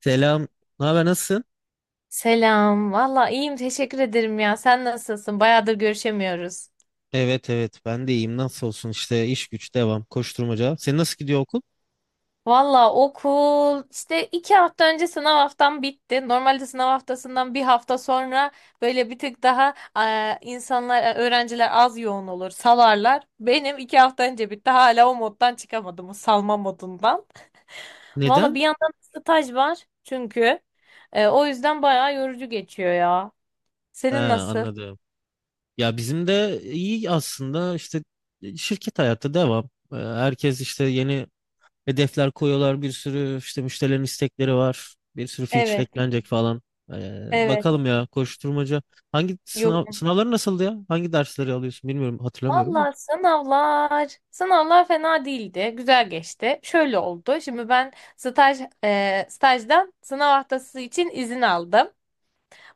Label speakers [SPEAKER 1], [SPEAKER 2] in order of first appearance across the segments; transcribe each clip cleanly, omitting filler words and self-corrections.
[SPEAKER 1] Selam. Ne haber, nasılsın?
[SPEAKER 2] Selam. Valla iyiyim. Teşekkür ederim ya. Sen nasılsın? Bayağıdır görüşemiyoruz.
[SPEAKER 1] Evet evet ben de iyiyim. Nasıl olsun işte iş güç devam koşturmaca. Senin nasıl gidiyor okul?
[SPEAKER 2] Valla okul işte 2 hafta önce sınav haftam bitti. Normalde sınav haftasından bir hafta sonra böyle bir tık daha öğrenciler az yoğun olur, salarlar. Benim 2 hafta önce bitti. Hala o moddan çıkamadım, o salma modundan. Valla
[SPEAKER 1] Neden?
[SPEAKER 2] bir yandan staj var çünkü. O yüzden bayağı yorucu geçiyor ya.
[SPEAKER 1] He,
[SPEAKER 2] Senin nasıl?
[SPEAKER 1] anladım. Ya bizim de iyi aslında işte şirket hayatı devam. Herkes işte yeni hedefler koyuyorlar. Bir sürü işte müşterilerin istekleri var. Bir sürü feature
[SPEAKER 2] Evet,
[SPEAKER 1] eklenecek falan.
[SPEAKER 2] evet.
[SPEAKER 1] Bakalım ya koşturmaca. Hangi
[SPEAKER 2] Yok.
[SPEAKER 1] sınavları nasıldı ya? Hangi dersleri alıyorsun bilmiyorum hatırlamıyorum da.
[SPEAKER 2] Valla sınavlar, sınavlar fena değildi, güzel geçti. Şöyle oldu, şimdi ben stajdan sınav haftası için izin aldım.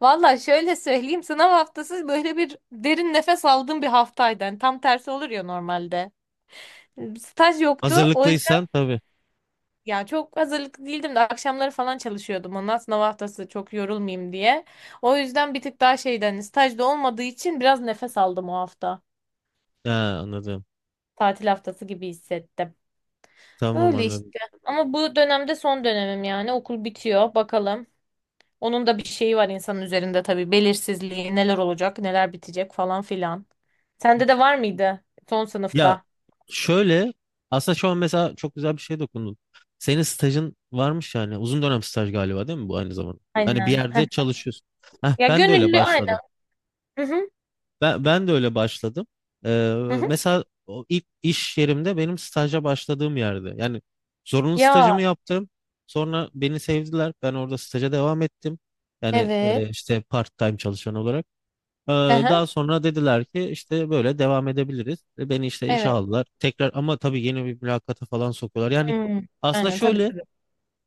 [SPEAKER 2] Valla şöyle söyleyeyim, sınav haftası böyle bir derin nefes aldığım bir haftaydı. Yani tam tersi olur ya normalde. Staj yoktu, o
[SPEAKER 1] Hazırlıklıysan
[SPEAKER 2] yüzden
[SPEAKER 1] tabii.
[SPEAKER 2] ya çok hazırlıklı değildim de akşamları falan çalışıyordum ondan sınav haftası çok yorulmayayım diye. O yüzden bir tık daha şeyden stajda olmadığı için biraz nefes aldım o hafta.
[SPEAKER 1] Ha, anladım.
[SPEAKER 2] Tatil haftası gibi hissettim.
[SPEAKER 1] Tamam
[SPEAKER 2] Öyle
[SPEAKER 1] anladım.
[SPEAKER 2] işte. Ama bu dönemde son dönemim yani. Okul bitiyor. Bakalım. Onun da bir şeyi var insanın üzerinde tabii. Belirsizliği, neler olacak, neler bitecek falan filan. Sende de var mıydı son
[SPEAKER 1] Ya
[SPEAKER 2] sınıfta?
[SPEAKER 1] şöyle aslında şu an mesela çok güzel bir şey dokundun. Senin stajın varmış yani uzun dönem staj galiba değil mi bu aynı zamanda? Hani bir
[SPEAKER 2] Aynen.
[SPEAKER 1] yerde
[SPEAKER 2] Heh.
[SPEAKER 1] çalışıyorsun. Heh,
[SPEAKER 2] Ya
[SPEAKER 1] ben de öyle
[SPEAKER 2] gönüllü aynen.
[SPEAKER 1] başladım.
[SPEAKER 2] Hı hı.
[SPEAKER 1] Ben de öyle başladım. Ee,
[SPEAKER 2] Hı hı.
[SPEAKER 1] mesela o ilk iş yerimde benim staja başladığım yerde. Yani zorunlu
[SPEAKER 2] Ya
[SPEAKER 1] stajımı yaptım. Sonra beni sevdiler. Ben orada staja devam ettim. Yani
[SPEAKER 2] evet.
[SPEAKER 1] işte part time çalışan olarak. Ee,
[SPEAKER 2] Hı hı.
[SPEAKER 1] Daha sonra dediler ki işte böyle devam edebiliriz. Beni işte işe
[SPEAKER 2] Evet.
[SPEAKER 1] aldılar. Tekrar ama tabii yeni bir mülakata falan sokuyorlar. Yani
[SPEAKER 2] Hmm.
[SPEAKER 1] aslında
[SPEAKER 2] Aynen, tabii
[SPEAKER 1] şöyle
[SPEAKER 2] tabii.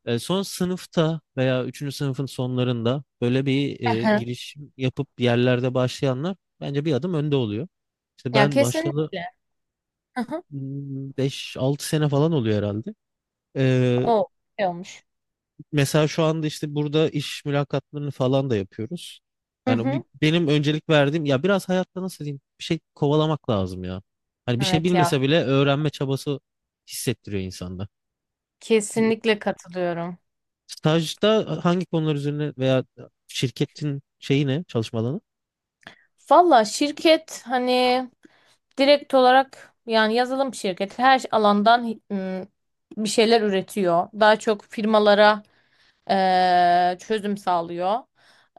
[SPEAKER 1] son sınıfta veya üçüncü sınıfın sonlarında böyle bir
[SPEAKER 2] Hı hı.
[SPEAKER 1] giriş yapıp bir yerlerde başlayanlar bence bir adım önde oluyor. İşte
[SPEAKER 2] Ya
[SPEAKER 1] ben başladı
[SPEAKER 2] kesinlikle. Hı hı.
[SPEAKER 1] 5-6 sene falan oluyor herhalde. Ee,
[SPEAKER 2] O şey olmuş.
[SPEAKER 1] mesela şu anda işte burada iş mülakatlarını falan da yapıyoruz.
[SPEAKER 2] Hı
[SPEAKER 1] Yani
[SPEAKER 2] hı.
[SPEAKER 1] benim öncelik verdiğim ya biraz hayatta nasıl diyeyim bir şey kovalamak lazım ya. Hani bir şey
[SPEAKER 2] Evet ya.
[SPEAKER 1] bilmese bile öğrenme çabası hissettiriyor insanda.
[SPEAKER 2] Kesinlikle katılıyorum.
[SPEAKER 1] Stajda hangi konular üzerine veya şirketin şeyi ne çalışma alanı?
[SPEAKER 2] Valla şirket hani direkt olarak yani yazılım şirketi her alandan bir şeyler üretiyor. Daha çok firmalara çözüm sağlıyor.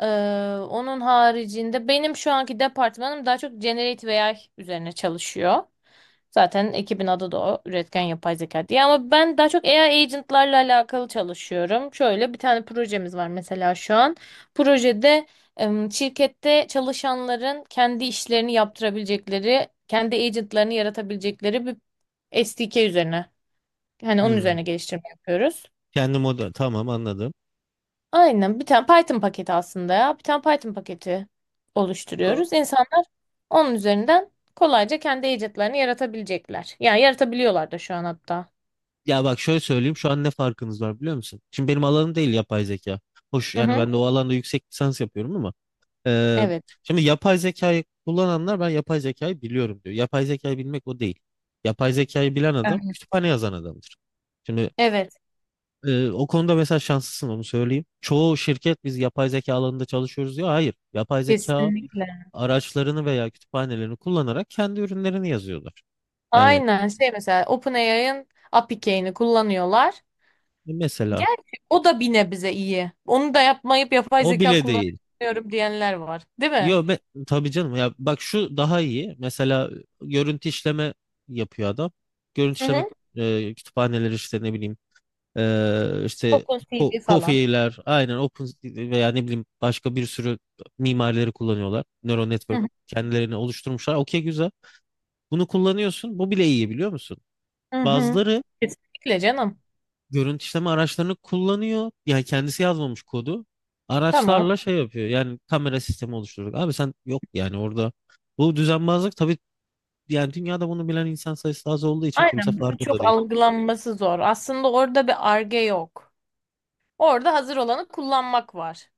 [SPEAKER 2] Eee, onun haricinde benim şu anki departmanım daha çok Generate AI üzerine çalışıyor. Zaten ekibin adı da o. Üretken yapay zeka diye. Ama ben daha çok AI agentlarla alakalı çalışıyorum. Şöyle bir tane projemiz var mesela şu an. Projede şirkette çalışanların kendi işlerini yaptırabilecekleri, kendi agentlarını yaratabilecekleri bir SDK üzerine. Yani onun üzerine
[SPEAKER 1] Hmm.
[SPEAKER 2] geliştirme yapıyoruz.
[SPEAKER 1] Kendi moda tamam anladım.
[SPEAKER 2] Aynen, bir tane Python paketi aslında ya. Bir tane Python paketi
[SPEAKER 1] Yo,
[SPEAKER 2] oluşturuyoruz. İnsanlar onun üzerinden kolayca kendi agentlarını yaratabilecekler. Yani yaratabiliyorlar da şu an hatta.
[SPEAKER 1] ya bak şöyle söyleyeyim şu an ne farkınız var biliyor musun? Şimdi benim alanım değil yapay zeka. Hoş
[SPEAKER 2] Hı
[SPEAKER 1] yani
[SPEAKER 2] hı.
[SPEAKER 1] ben de o alanda yüksek lisans yapıyorum ama Ee,
[SPEAKER 2] Evet.
[SPEAKER 1] şimdi yapay zekayı kullananlar ben yapay zekayı biliyorum diyor. Yapay zekayı bilmek o değil. Yapay zekayı bilen adam
[SPEAKER 2] Yani
[SPEAKER 1] kütüphane yazan adamdır. Şimdi
[SPEAKER 2] evet.
[SPEAKER 1] o konuda mesela şanslısın onu söyleyeyim. Çoğu şirket biz yapay zeka alanında çalışıyoruz diyor. Hayır. Yapay zeka
[SPEAKER 2] Kesinlikle.
[SPEAKER 1] araçlarını veya kütüphanelerini kullanarak kendi ürünlerini yazıyorlar. Yani
[SPEAKER 2] Aynen şey, mesela OpenAI'ın API key'ini kullanıyorlar.
[SPEAKER 1] mesela
[SPEAKER 2] Gerçi o da bir nebze iyi. Onu da yapmayıp yapay
[SPEAKER 1] o
[SPEAKER 2] zeka
[SPEAKER 1] bile değil.
[SPEAKER 2] kullanıyorum diyenler var. Değil mi?
[SPEAKER 1] Yo be, tabii canım ya bak şu daha iyi. Mesela görüntü işleme yapıyor adam. Görüntü
[SPEAKER 2] Hı
[SPEAKER 1] işleme
[SPEAKER 2] hı.
[SPEAKER 1] kütüphaneleri işte ne bileyim işte
[SPEAKER 2] OpenCV falan.
[SPEAKER 1] Kofi'ler aynen Open veya ne bileyim başka bir sürü mimarileri kullanıyorlar. Neural
[SPEAKER 2] Hı
[SPEAKER 1] network
[SPEAKER 2] hı.
[SPEAKER 1] kendilerini oluşturmuşlar. Okey güzel. Bunu kullanıyorsun. Bu bile iyi biliyor musun?
[SPEAKER 2] Hı hı.
[SPEAKER 1] Bazıları
[SPEAKER 2] Kesinlikle canım.
[SPEAKER 1] görüntü işleme araçlarını kullanıyor. Yani kendisi yazmamış kodu.
[SPEAKER 2] Tamam.
[SPEAKER 1] Araçlarla şey yapıyor. Yani kamera sistemi oluşturduk. Abi sen yok yani orada. Bu düzenbazlık tabii yani dünyada bunu bilen insan sayısı az olduğu için kimse
[SPEAKER 2] Aynen. Bunu
[SPEAKER 1] farkında
[SPEAKER 2] Çok
[SPEAKER 1] değil.
[SPEAKER 2] algılanması zor. Aslında orada bir arge yok. Orada hazır olanı kullanmak var.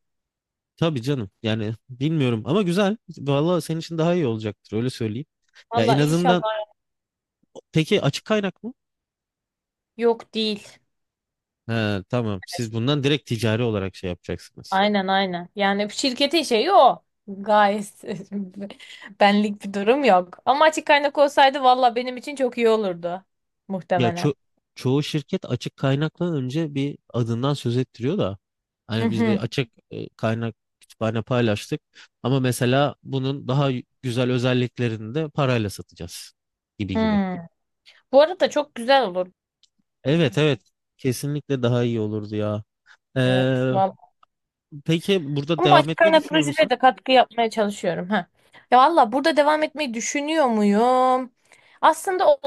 [SPEAKER 1] Tabii canım. Yani bilmiyorum ama güzel. Vallahi senin için daha iyi olacaktır öyle söyleyeyim. Ya en
[SPEAKER 2] Valla
[SPEAKER 1] azından
[SPEAKER 2] inşallah
[SPEAKER 1] peki açık kaynak mı?
[SPEAKER 2] yok değil.
[SPEAKER 1] He, tamam. Siz bundan direkt ticari olarak şey yapacaksınız.
[SPEAKER 2] Aynen aynen. Yani şirketin şeyi o. Gayet benlik bir durum yok. Ama açık kaynak olsaydı valla benim için çok iyi olurdu.
[SPEAKER 1] Ya
[SPEAKER 2] Muhtemelen.
[SPEAKER 1] çoğu şirket açık kaynakla önce bir adından söz ettiriyor da
[SPEAKER 2] Hı
[SPEAKER 1] hani biz bir
[SPEAKER 2] hı.
[SPEAKER 1] açık kaynak kütüphane paylaştık ama mesela bunun daha güzel özelliklerini de parayla satacağız gibi
[SPEAKER 2] Hı.
[SPEAKER 1] gibi.
[SPEAKER 2] Bu arada çok güzel olurdu.
[SPEAKER 1] Evet evet kesinlikle daha iyi olurdu ya. Ee,
[SPEAKER 2] Evet valla.
[SPEAKER 1] peki burada
[SPEAKER 2] Ama
[SPEAKER 1] devam
[SPEAKER 2] açık
[SPEAKER 1] etmeyi
[SPEAKER 2] kaynak
[SPEAKER 1] düşünüyor
[SPEAKER 2] projelere
[SPEAKER 1] musun?
[SPEAKER 2] de katkı yapmaya çalışıyorum. Ha. Ya valla burada devam etmeyi düşünüyor muyum? Aslında o-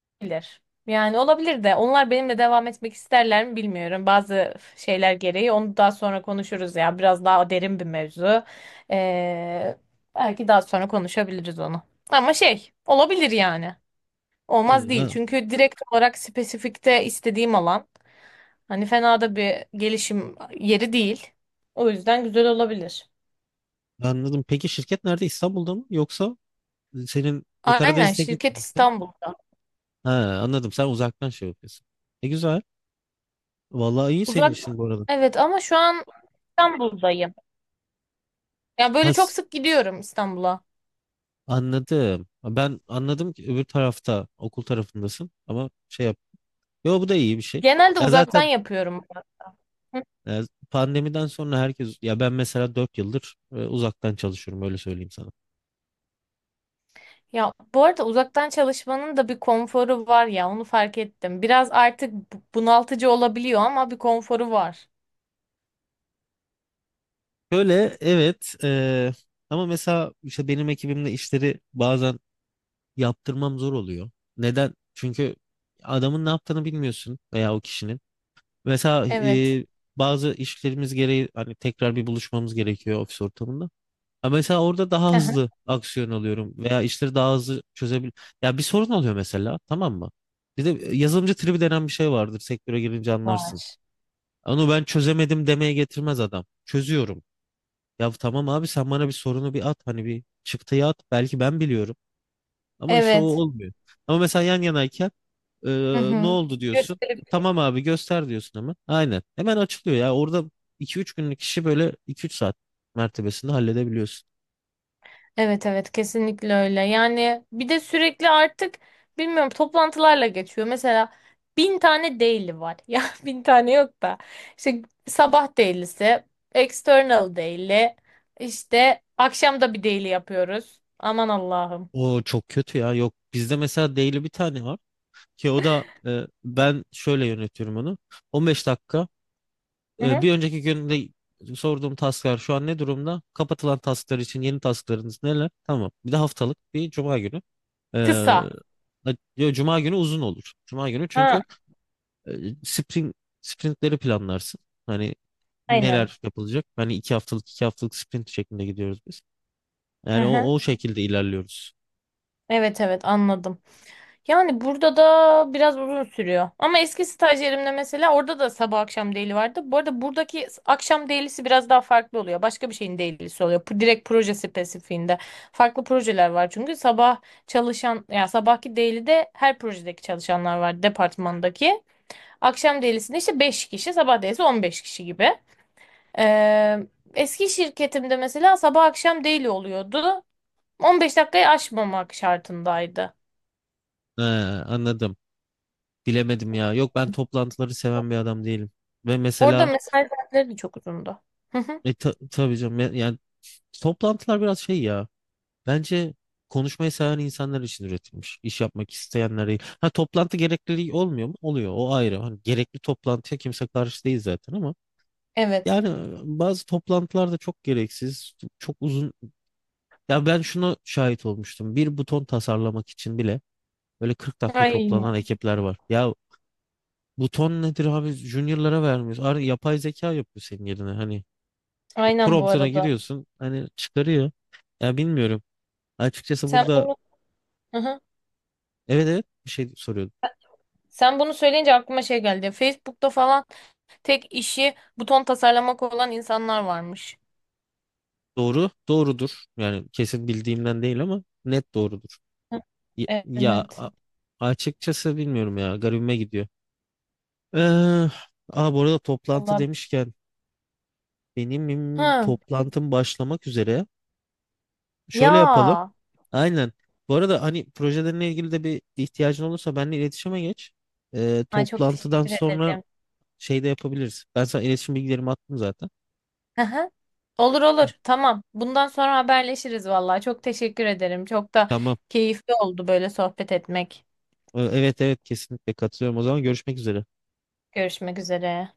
[SPEAKER 2] olabilir. Yani olabilir de onlar benimle devam etmek isterler mi bilmiyorum. Bazı şeyler gereği onu daha sonra konuşuruz ya. Biraz daha derin bir mevzu. Ee, belki daha sonra konuşabiliriz onu. Ama şey olabilir yani.
[SPEAKER 1] Hı,
[SPEAKER 2] Olmaz değil.
[SPEAKER 1] ha,
[SPEAKER 2] Çünkü direkt olarak spesifikte istediğim alan. Hani fena da bir gelişim yeri değil. O yüzden güzel olabilir.
[SPEAKER 1] anladım. Peki şirket nerede? İstanbul'da mı? Yoksa senin
[SPEAKER 2] Aynen,
[SPEAKER 1] Karadeniz Teknik mi
[SPEAKER 2] şirket
[SPEAKER 1] gittin?
[SPEAKER 2] İstanbul'da.
[SPEAKER 1] Ha, anladım. Sen uzaktan şey yapıyorsun. E güzel. Vallahi iyi senin
[SPEAKER 2] Uzak.
[SPEAKER 1] işin bu arada.
[SPEAKER 2] Evet ama şu an İstanbul'dayım. Ya böyle çok
[SPEAKER 1] Has,
[SPEAKER 2] sık gidiyorum İstanbul'a.
[SPEAKER 1] anladım. Ben anladım ki öbür tarafta, okul tarafındasın ama şey yap. Yo bu da iyi bir şey.
[SPEAKER 2] Genelde
[SPEAKER 1] Ya
[SPEAKER 2] uzaktan
[SPEAKER 1] zaten
[SPEAKER 2] yapıyorum ben.
[SPEAKER 1] e, pandemiden sonra herkes ya ben mesela 4 yıldır uzaktan çalışıyorum öyle söyleyeyim sana.
[SPEAKER 2] Ya bu arada uzaktan çalışmanın da bir konforu var ya onu fark ettim. Biraz artık bunaltıcı olabiliyor ama bir konforu var.
[SPEAKER 1] Şöyle evet ama mesela işte benim ekibimde işleri bazen yaptırmam zor oluyor. Neden? Çünkü adamın ne yaptığını bilmiyorsun veya o kişinin. Mesela
[SPEAKER 2] Evet.
[SPEAKER 1] bazı işlerimiz gereği hani tekrar bir buluşmamız gerekiyor ofis ortamında. Ha mesela orada daha
[SPEAKER 2] Aha.
[SPEAKER 1] hızlı aksiyon alıyorum veya işleri daha hızlı çözebil. Ya bir sorun oluyor mesela tamam mı? Bir de yazılımcı tribi denen bir şey vardır sektöre girince anlarsın.
[SPEAKER 2] Var.
[SPEAKER 1] Onu ben çözemedim demeye getirmez adam. Çözüyorum. Ya tamam abi sen bana bir sorunu bir at hani bir çıktıyı at belki ben biliyorum. Ama işte o
[SPEAKER 2] Evet.
[SPEAKER 1] olmuyor. Ama mesela yan yanayken e,
[SPEAKER 2] Hı
[SPEAKER 1] ne
[SPEAKER 2] hı.
[SPEAKER 1] oldu diyorsun. Tamam abi göster diyorsun hemen. Aynen. Hemen açılıyor ya. Orada 2-3 günlük işi böyle 2-3 saat mertebesinde halledebiliyorsun.
[SPEAKER 2] Evet evet, kesinlikle öyle. Yani bir de sürekli artık bilmiyorum toplantılarla geçiyor. Mesela bin tane daily var. Ya bin tane yok da. İşte sabah daily'si, external daily, işte akşam da bir daily yapıyoruz. Aman Allah'ım.
[SPEAKER 1] O çok kötü ya. Yok bizde mesela daily bir tane var ki o da ben şöyle yönetiyorum onu. 15 dakika
[SPEAKER 2] Hı hı.
[SPEAKER 1] bir önceki günde sorduğum tasklar şu an ne durumda? Kapatılan tasklar için yeni tasklarınız neler? Tamam. Bir de haftalık bir cuma günü. Ee,
[SPEAKER 2] Kısa.
[SPEAKER 1] ya Cuma günü uzun olur. Cuma günü
[SPEAKER 2] Ha,
[SPEAKER 1] çünkü e, sprint, sprintleri planlarsın. Hani
[SPEAKER 2] aynen.
[SPEAKER 1] neler yapılacak? Hani iki haftalık iki haftalık sprint şeklinde gidiyoruz biz.
[SPEAKER 2] Hı
[SPEAKER 1] Yani o,
[SPEAKER 2] hı.
[SPEAKER 1] o şekilde ilerliyoruz.
[SPEAKER 2] Evet evet, anladım. Yani burada da biraz uzun sürüyor. Ama eski stajyerimde mesela orada da sabah akşam daily vardı. Bu arada buradaki akşam daily'si biraz daha farklı oluyor. Başka bir şeyin daily'si oluyor. Direkt proje spesifiğinde. Farklı projeler var çünkü sabah çalışan ya sabahki daily'de her projedeki çalışanlar var departmandaki. Akşam daily'sinde işte 5 kişi, sabah daily'si 15 kişi gibi. Ee, eski şirketimde mesela sabah akşam daily oluyordu. 15 dakikayı aşmamak şartındaydı.
[SPEAKER 1] He, anladım. Bilemedim ya. Yok ben toplantıları seven bir adam değilim. Ve
[SPEAKER 2] Orada
[SPEAKER 1] mesela
[SPEAKER 2] mesai saatleri de çok uzundu. Hı hı.
[SPEAKER 1] tabii canım yani toplantılar biraz şey ya. Bence konuşmayı seven insanlar için üretilmiş. İş yapmak isteyenler değil. Ha toplantı gerekli olmuyor mu? Oluyor. O ayrı. Hani gerekli toplantıya kimse karşı değil zaten ama
[SPEAKER 2] Evet.
[SPEAKER 1] yani bazı toplantılar da çok gereksiz, çok uzun. Ya ben şuna şahit olmuştum. Bir buton tasarlamak için bile böyle 40 dakika
[SPEAKER 2] Ay,
[SPEAKER 1] toplanan ekipler var. Ya buton nedir abi? Junior'lara vermiyoruz. Yapay zeka yapıyor senin yerine. Hani
[SPEAKER 2] aynen bu
[SPEAKER 1] promptuna
[SPEAKER 2] arada.
[SPEAKER 1] giriyorsun. Hani çıkarıyor. Ya bilmiyorum. Açıkçası
[SPEAKER 2] Sen
[SPEAKER 1] burada
[SPEAKER 2] bunu, hı hı.
[SPEAKER 1] evet evet bir şey soruyor.
[SPEAKER 2] Sen bunu söyleyince aklıma şey geldi. Facebook'ta falan tek işi buton tasarlamak olan insanlar varmış.
[SPEAKER 1] Doğru, doğrudur. Yani kesin bildiğimden değil ama net doğrudur.
[SPEAKER 2] Hı.
[SPEAKER 1] Ya, ya
[SPEAKER 2] Evet.
[SPEAKER 1] açıkçası bilmiyorum ya. Garibime gidiyor. Ee, bu arada toplantı
[SPEAKER 2] Allah.
[SPEAKER 1] demişken benim
[SPEAKER 2] Hı.
[SPEAKER 1] toplantım başlamak üzere. Şöyle yapalım.
[SPEAKER 2] Ya.
[SPEAKER 1] Aynen. Bu arada hani projelerinle ilgili de bir ihtiyacın olursa benimle iletişime geç.
[SPEAKER 2] Ay çok
[SPEAKER 1] Toplantıdan
[SPEAKER 2] teşekkür
[SPEAKER 1] sonra
[SPEAKER 2] ederim.
[SPEAKER 1] şey de yapabiliriz. Ben sana iletişim bilgilerimi attım zaten.
[SPEAKER 2] Hı hı. Olur olur. Tamam. Bundan sonra haberleşiriz vallahi. Çok teşekkür ederim. Çok da
[SPEAKER 1] Tamam.
[SPEAKER 2] keyifli oldu böyle sohbet etmek.
[SPEAKER 1] Evet evet kesinlikle katılıyorum. O zaman görüşmek üzere.
[SPEAKER 2] Görüşmek üzere.